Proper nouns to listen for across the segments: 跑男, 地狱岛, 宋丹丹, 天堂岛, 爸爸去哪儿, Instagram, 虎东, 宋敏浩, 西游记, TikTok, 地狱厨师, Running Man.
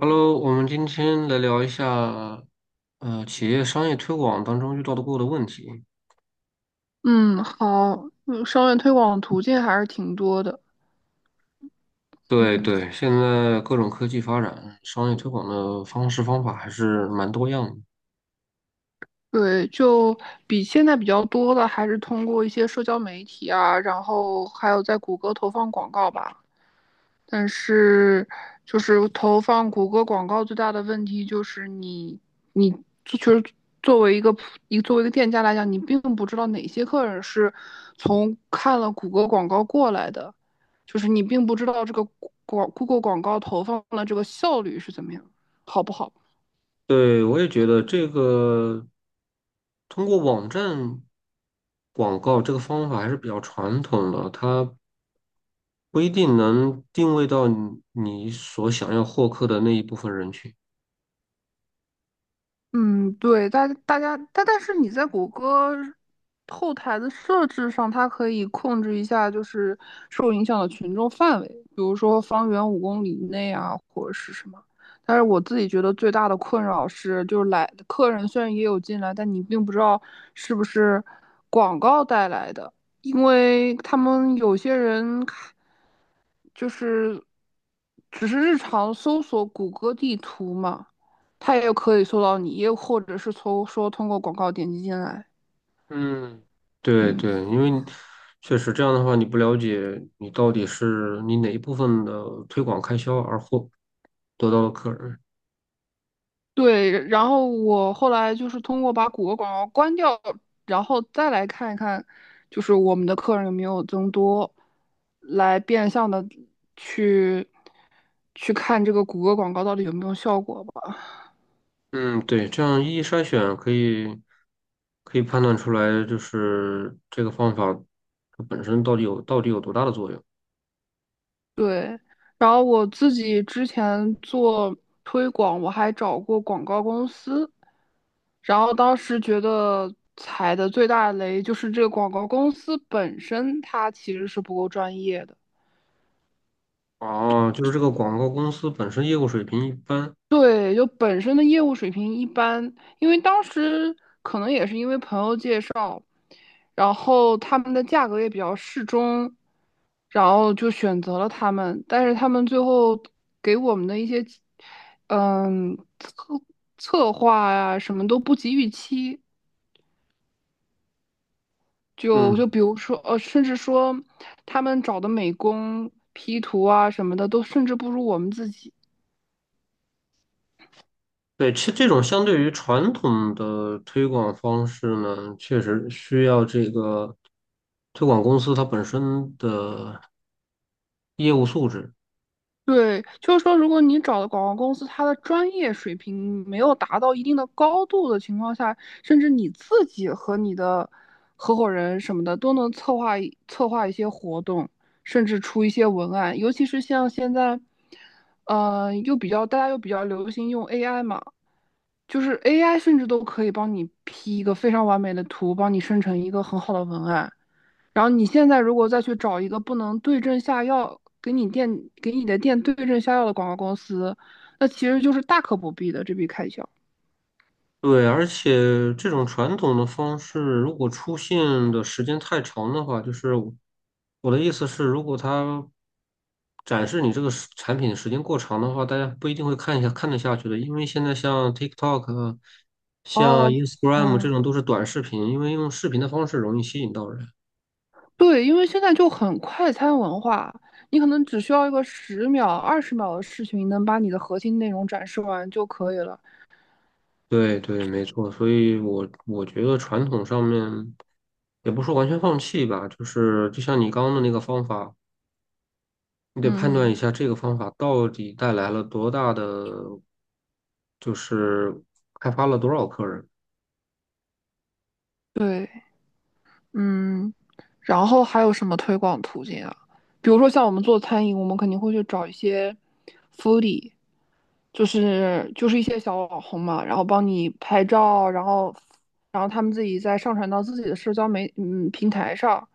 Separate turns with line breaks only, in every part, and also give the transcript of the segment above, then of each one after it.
Hello，我们今天来聊一下，企业商业推广当中遇到过的问题。
嗯，好，商业推广途径还是挺多的。
对
嗯，
对，现在各种科技发展，商业推广的方式方法还是蛮多样的。
对，比现在比较多的还是通过一些社交媒体啊，然后还有在谷歌投放广告吧。但是就是投放谷歌广告最大的问题就是你就是作为一个普一作为一个店家来讲，你并不知道哪些客人是从看了谷歌广告过来的，就是你并不知道这个Google 广告投放的这个效率是怎么样，好不好？
对，我也觉得这个通过网站广告这个方法还是比较传统的，它不一定能定位到你所想要获客的那一部分人群。
嗯，对，大家，但是你在谷歌后台的设置上，它可以控制一下，就是受影响的群众范围，比如说方圆五公里以内啊，或者是什么。但是我自己觉得最大的困扰是，就是来客人虽然也有进来，但你并不知道是不是广告带来的，因为他们有些人看就是只是日常搜索谷歌地图嘛，它也可以搜到你，又或者是从说通过广告点击进来。
嗯，对
嗯，
对，因为你确实这样的话，你不了解你到底是你哪一部分的推广开销而获得到了客人。
对。然后我后来就是通过把谷歌广告关掉，然后再来看一看，就是我们的客人有没有增多，来变相的去去看这个谷歌广告到底有没有效果吧。
嗯，对，这样一筛选可以可以判断出来，就是这个方法它本身到底有多大的作用。
对，然后我自己之前做推广，我还找过广告公司，然后当时觉得踩的最大的雷就是这个广告公司本身它其实是不够专业的。
哦，就是这个广告公司本身业务水平一般。
对，就本身的业务水平一般，因为当时可能也是因为朋友介绍。然后他们的价格也比较适中，然后就选择了他们。但是他们最后给我们的一些，嗯，策划呀、什么都不及预期。就就
嗯。
比如说，甚至说他们找的美工 P 图啊什么的，都甚至不如我们自己。
对，其实这种相对于传统的推广方式呢，确实需要这个推广公司它本身的业务素质。
对，就是说，如果你找的广告公司，它的专业水平没有达到一定的高度的情况下，甚至你自己和你的合伙人什么的都能策划一些活动，甚至出一些文案。尤其是像现在，又比较大家又比较流行用 AI 嘛，就是 AI 甚至都可以帮你 P 一个非常完美的图，帮你生成一个很好的文案。然后你现在如果再去找一个不能对症下药，给你的店对症下药的广告公司，那其实就是大可不必的这笔开销。
对，而且这种传统的方式，如果出现的时间太长的话，就是我的意思是，如果它展示你这个时产品时间过长的话，大家不一定会看一下看得下去的，因为现在像 TikTok 啊像
哦，
Instagram 这
嗯，
种都是短视频，因为用视频的方式容易吸引到人。
对，因为现在就很快餐文化，你可能只需要一个十秒、二十秒的事情，能把你的核心内容展示完就可以了。
对对，没错，所以我觉得传统上面也不说完全放弃吧，就是就像你刚刚的那个方法。你得判
嗯
断
嗯，
一下这个方法到底带来了多大的，就是开发了多少客人。
对。嗯，然后还有什么推广途径啊？比如说像我们做餐饮，我们肯定会去找一些 foodie，就是一些小网红嘛，然后帮你拍照，然后然后他们自己再上传到自己的社交媒嗯平台上，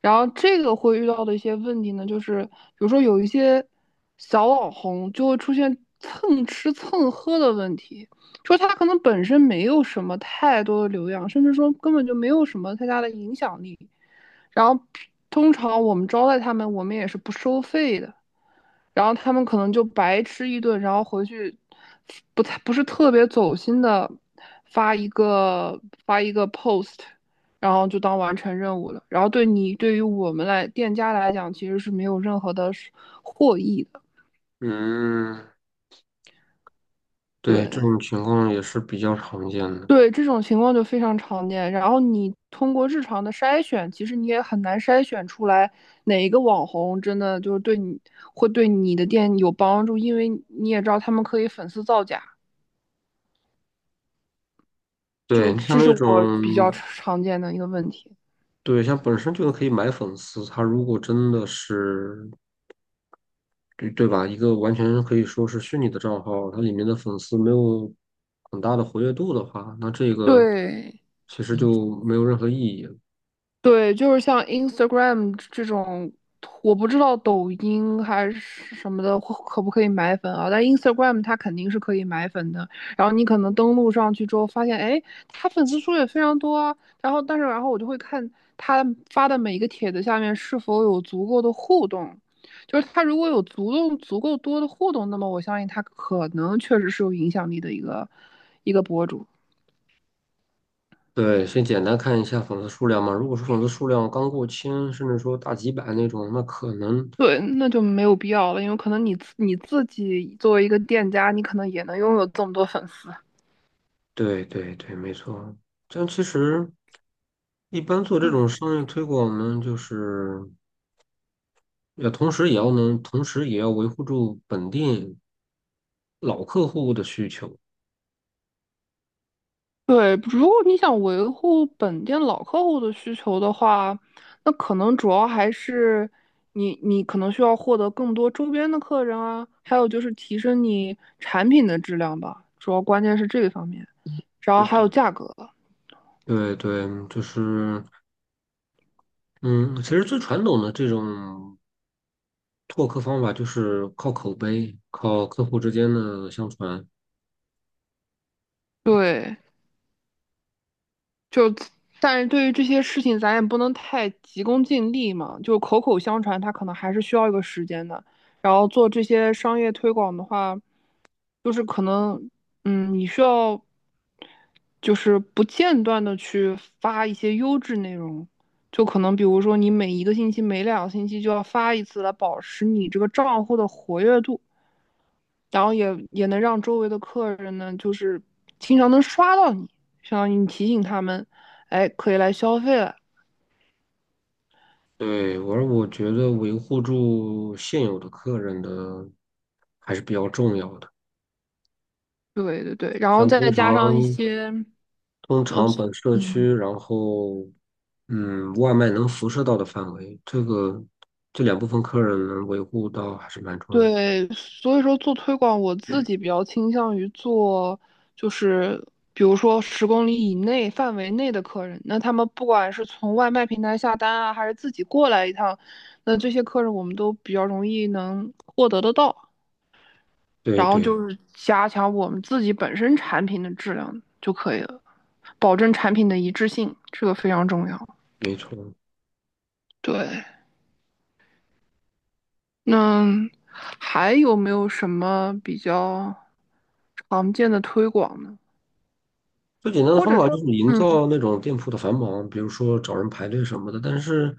然后这个会遇到的一些问题呢，就是比如说有一些小网红就会出现蹭吃蹭喝的问题，就是他可能本身没有什么太多的流量，甚至说根本就没有什么太大的影响力。然后通常我们招待他们，我们也是不收费的。然后他们可能就白吃一顿，然后回去不是特别走心的发一个发一个 post，然后就当完成任务了。然后对于我们来店家来讲，其实是没有任何的获益的。
嗯，对，这
对
种情况也是比较常见的。
对，这种情况就非常常见。然后你通过日常的筛选，其实你也很难筛选出来哪一个网红真的就是会对你的店有帮助，因为你也知道他们可以粉丝造假。就是
对，你像
这是
那
我比较
种，
常见的一个问题。
对，像本身就可以买粉丝，他如果真的是，对对吧？一个完全可以说是虚拟的账号，它里面的粉丝没有很大的活跃度的话，那这个
对
其实就没有任何意义。
对，就是像 Instagram 这种，我不知道抖音还是什么的可不可以买粉啊？但 Instagram 它肯定是可以买粉的。然后你可能登录上去之后，发现哎，他粉丝数也非常多啊。然后然后我就会看他发的每一个帖子下面是否有足够的互动。就是他如果有足够多的互动，那么我相信他可能确实是有影响力的一个博主。
对，先简单看一下粉丝数量嘛。如果是粉丝数量刚过千，甚至说大几百那种，那可能，
对，那就没有必要了，因为可能你自己作为一个店家，你可能也能拥有这么多粉丝。
对对对，没错。但其实一般做这
嗯，
种商业推广，我们就是要同时也要能，同时也要维护住本地老客户的需求。
对，如果你想维护本店老客户的需求的话，那可能主要还是你可能需要获得更多周边的客人啊，还有就是提升你产品的质量吧，主要关键是这个方面，然后
对
还有
对
价格。
对对，就是嗯，其实最传统的这种拓客方法就是靠口碑，靠客户之间的相传。
对。但是对于这些事情，咱也不能太急功近利嘛。就口口相传，它可能还是需要一个时间的。然后做这些商业推广的话，就是可能，嗯，你需要就是不间断的去发一些优质内容。就可能比如说，你每一个星期、每两个星期就要发一次，来保持你这个账户的活跃度，也能让周围的客人呢，就是经常能刷到你，相当于你提醒他们，哎，可以来消费了。
对，而我觉得维护住现有的客人的还是比较重要的。
对对对，然后
像通
再加上一
常
些，
通
呃，
常
其
本社区，
嗯，
然后嗯，外卖能辐射到的范围，这个这两部分客人能维护到还是蛮重要的。
对，所以说做推广，我自己比较倾向于做，就是比如说十公里以内范围内的客人，那他们不管是从外卖平台下单啊，还是自己过来一趟，那这些客人我们都比较容易能得到，
对
然后就
对，
是加强我们自己本身产品的质量就可以了，保证产品的一致性，这个非常重要。
没错。
对，那还有没有什么比较常见的推广呢？
最简单的
或
方
者
法就
说，
是营
嗯，
造那种店铺的繁忙，比如说找人排队什么的。但是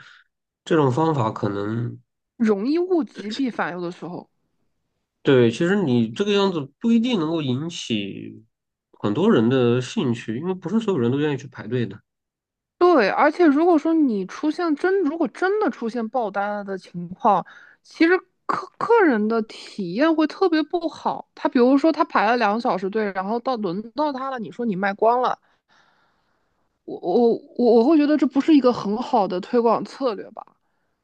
这种方法可能
容易物极必反，有的时候。
对，其实你这个样子不一定能够引起很多人的兴趣，因为不是所有人都愿意去排队的。
对，而且如果说你出现真，如果真的出现爆单了的情况，其实客人的体验会特别不好。他比如说他排了两个小时队，然后轮到他了，你说你卖光了，我我我会觉得这不是一个很好的推广策略吧。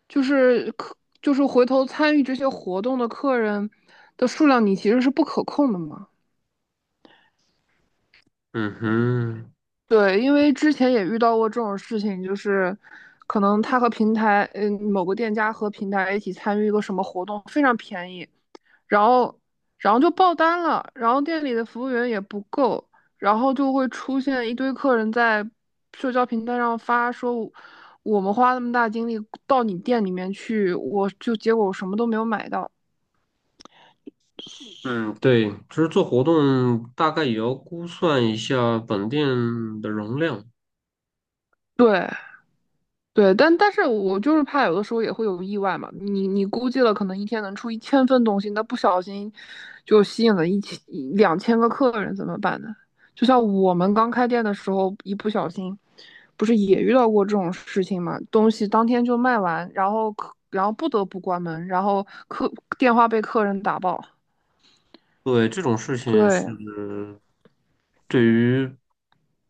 就是客，就是回头参与这些活动的客人的数量，你其实是不可控的嘛。
嗯哼，
对，因为之前也遇到过这种事情，就是可能他和平台，嗯，某个店家和平台一起参与一个什么活动，非常便宜，然后，然后就爆单了，然后店里的服务员也不够，然后就会出现一堆客人在社交平台上发说，我们花那么大精力到你店里面去，结果我什么都没有买到。
嗯，对，其实做活动大概也要估算一下本店的容量。
对，对，但是我就是怕有的时候也会有意外嘛。你估计了，可能一天能出一千份东西，那不小心就吸引了一千一两千个客人，怎么办呢？就像我们刚开店的时候，一不小心，不是也遇到过这种事情嘛？东西当天就卖完，然后客，然后不得不关门，然后客电话被客人打爆。
对，这种事情
对
是对于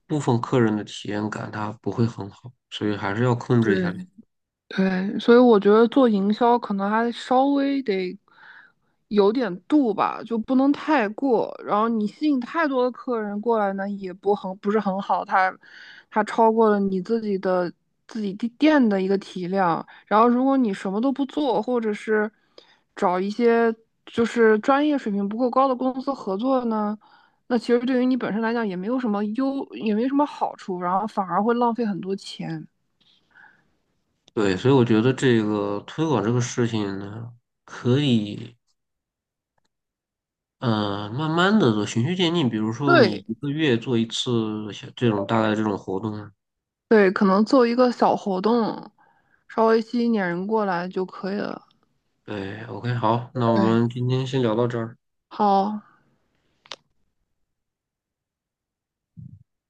部分客人的体验感，它不会很好，所以还是要控制一下这个。
对，对，所以我觉得做营销可能还稍微得有点度吧，就不能太过。然后你吸引太多的客人过来呢，也不很不是很好，它超过了你自己的自己地店的一个体量。然后如果你什么都不做，或者是找一些就是专业水平不够高的公司合作呢，那其实对于你本身来讲也没什么好处，然后反而会浪费很多钱。
对，所以我觉得这个推广这个事情呢，可以。嗯，慢慢的做，循序渐进。比如说，你
对，
一个月做一次小这种大概这种活动。
对，可能做一个小活动，稍微吸引点人过来就可以了。
对，OK,好，那我
对，
们今天先聊到这儿。
好，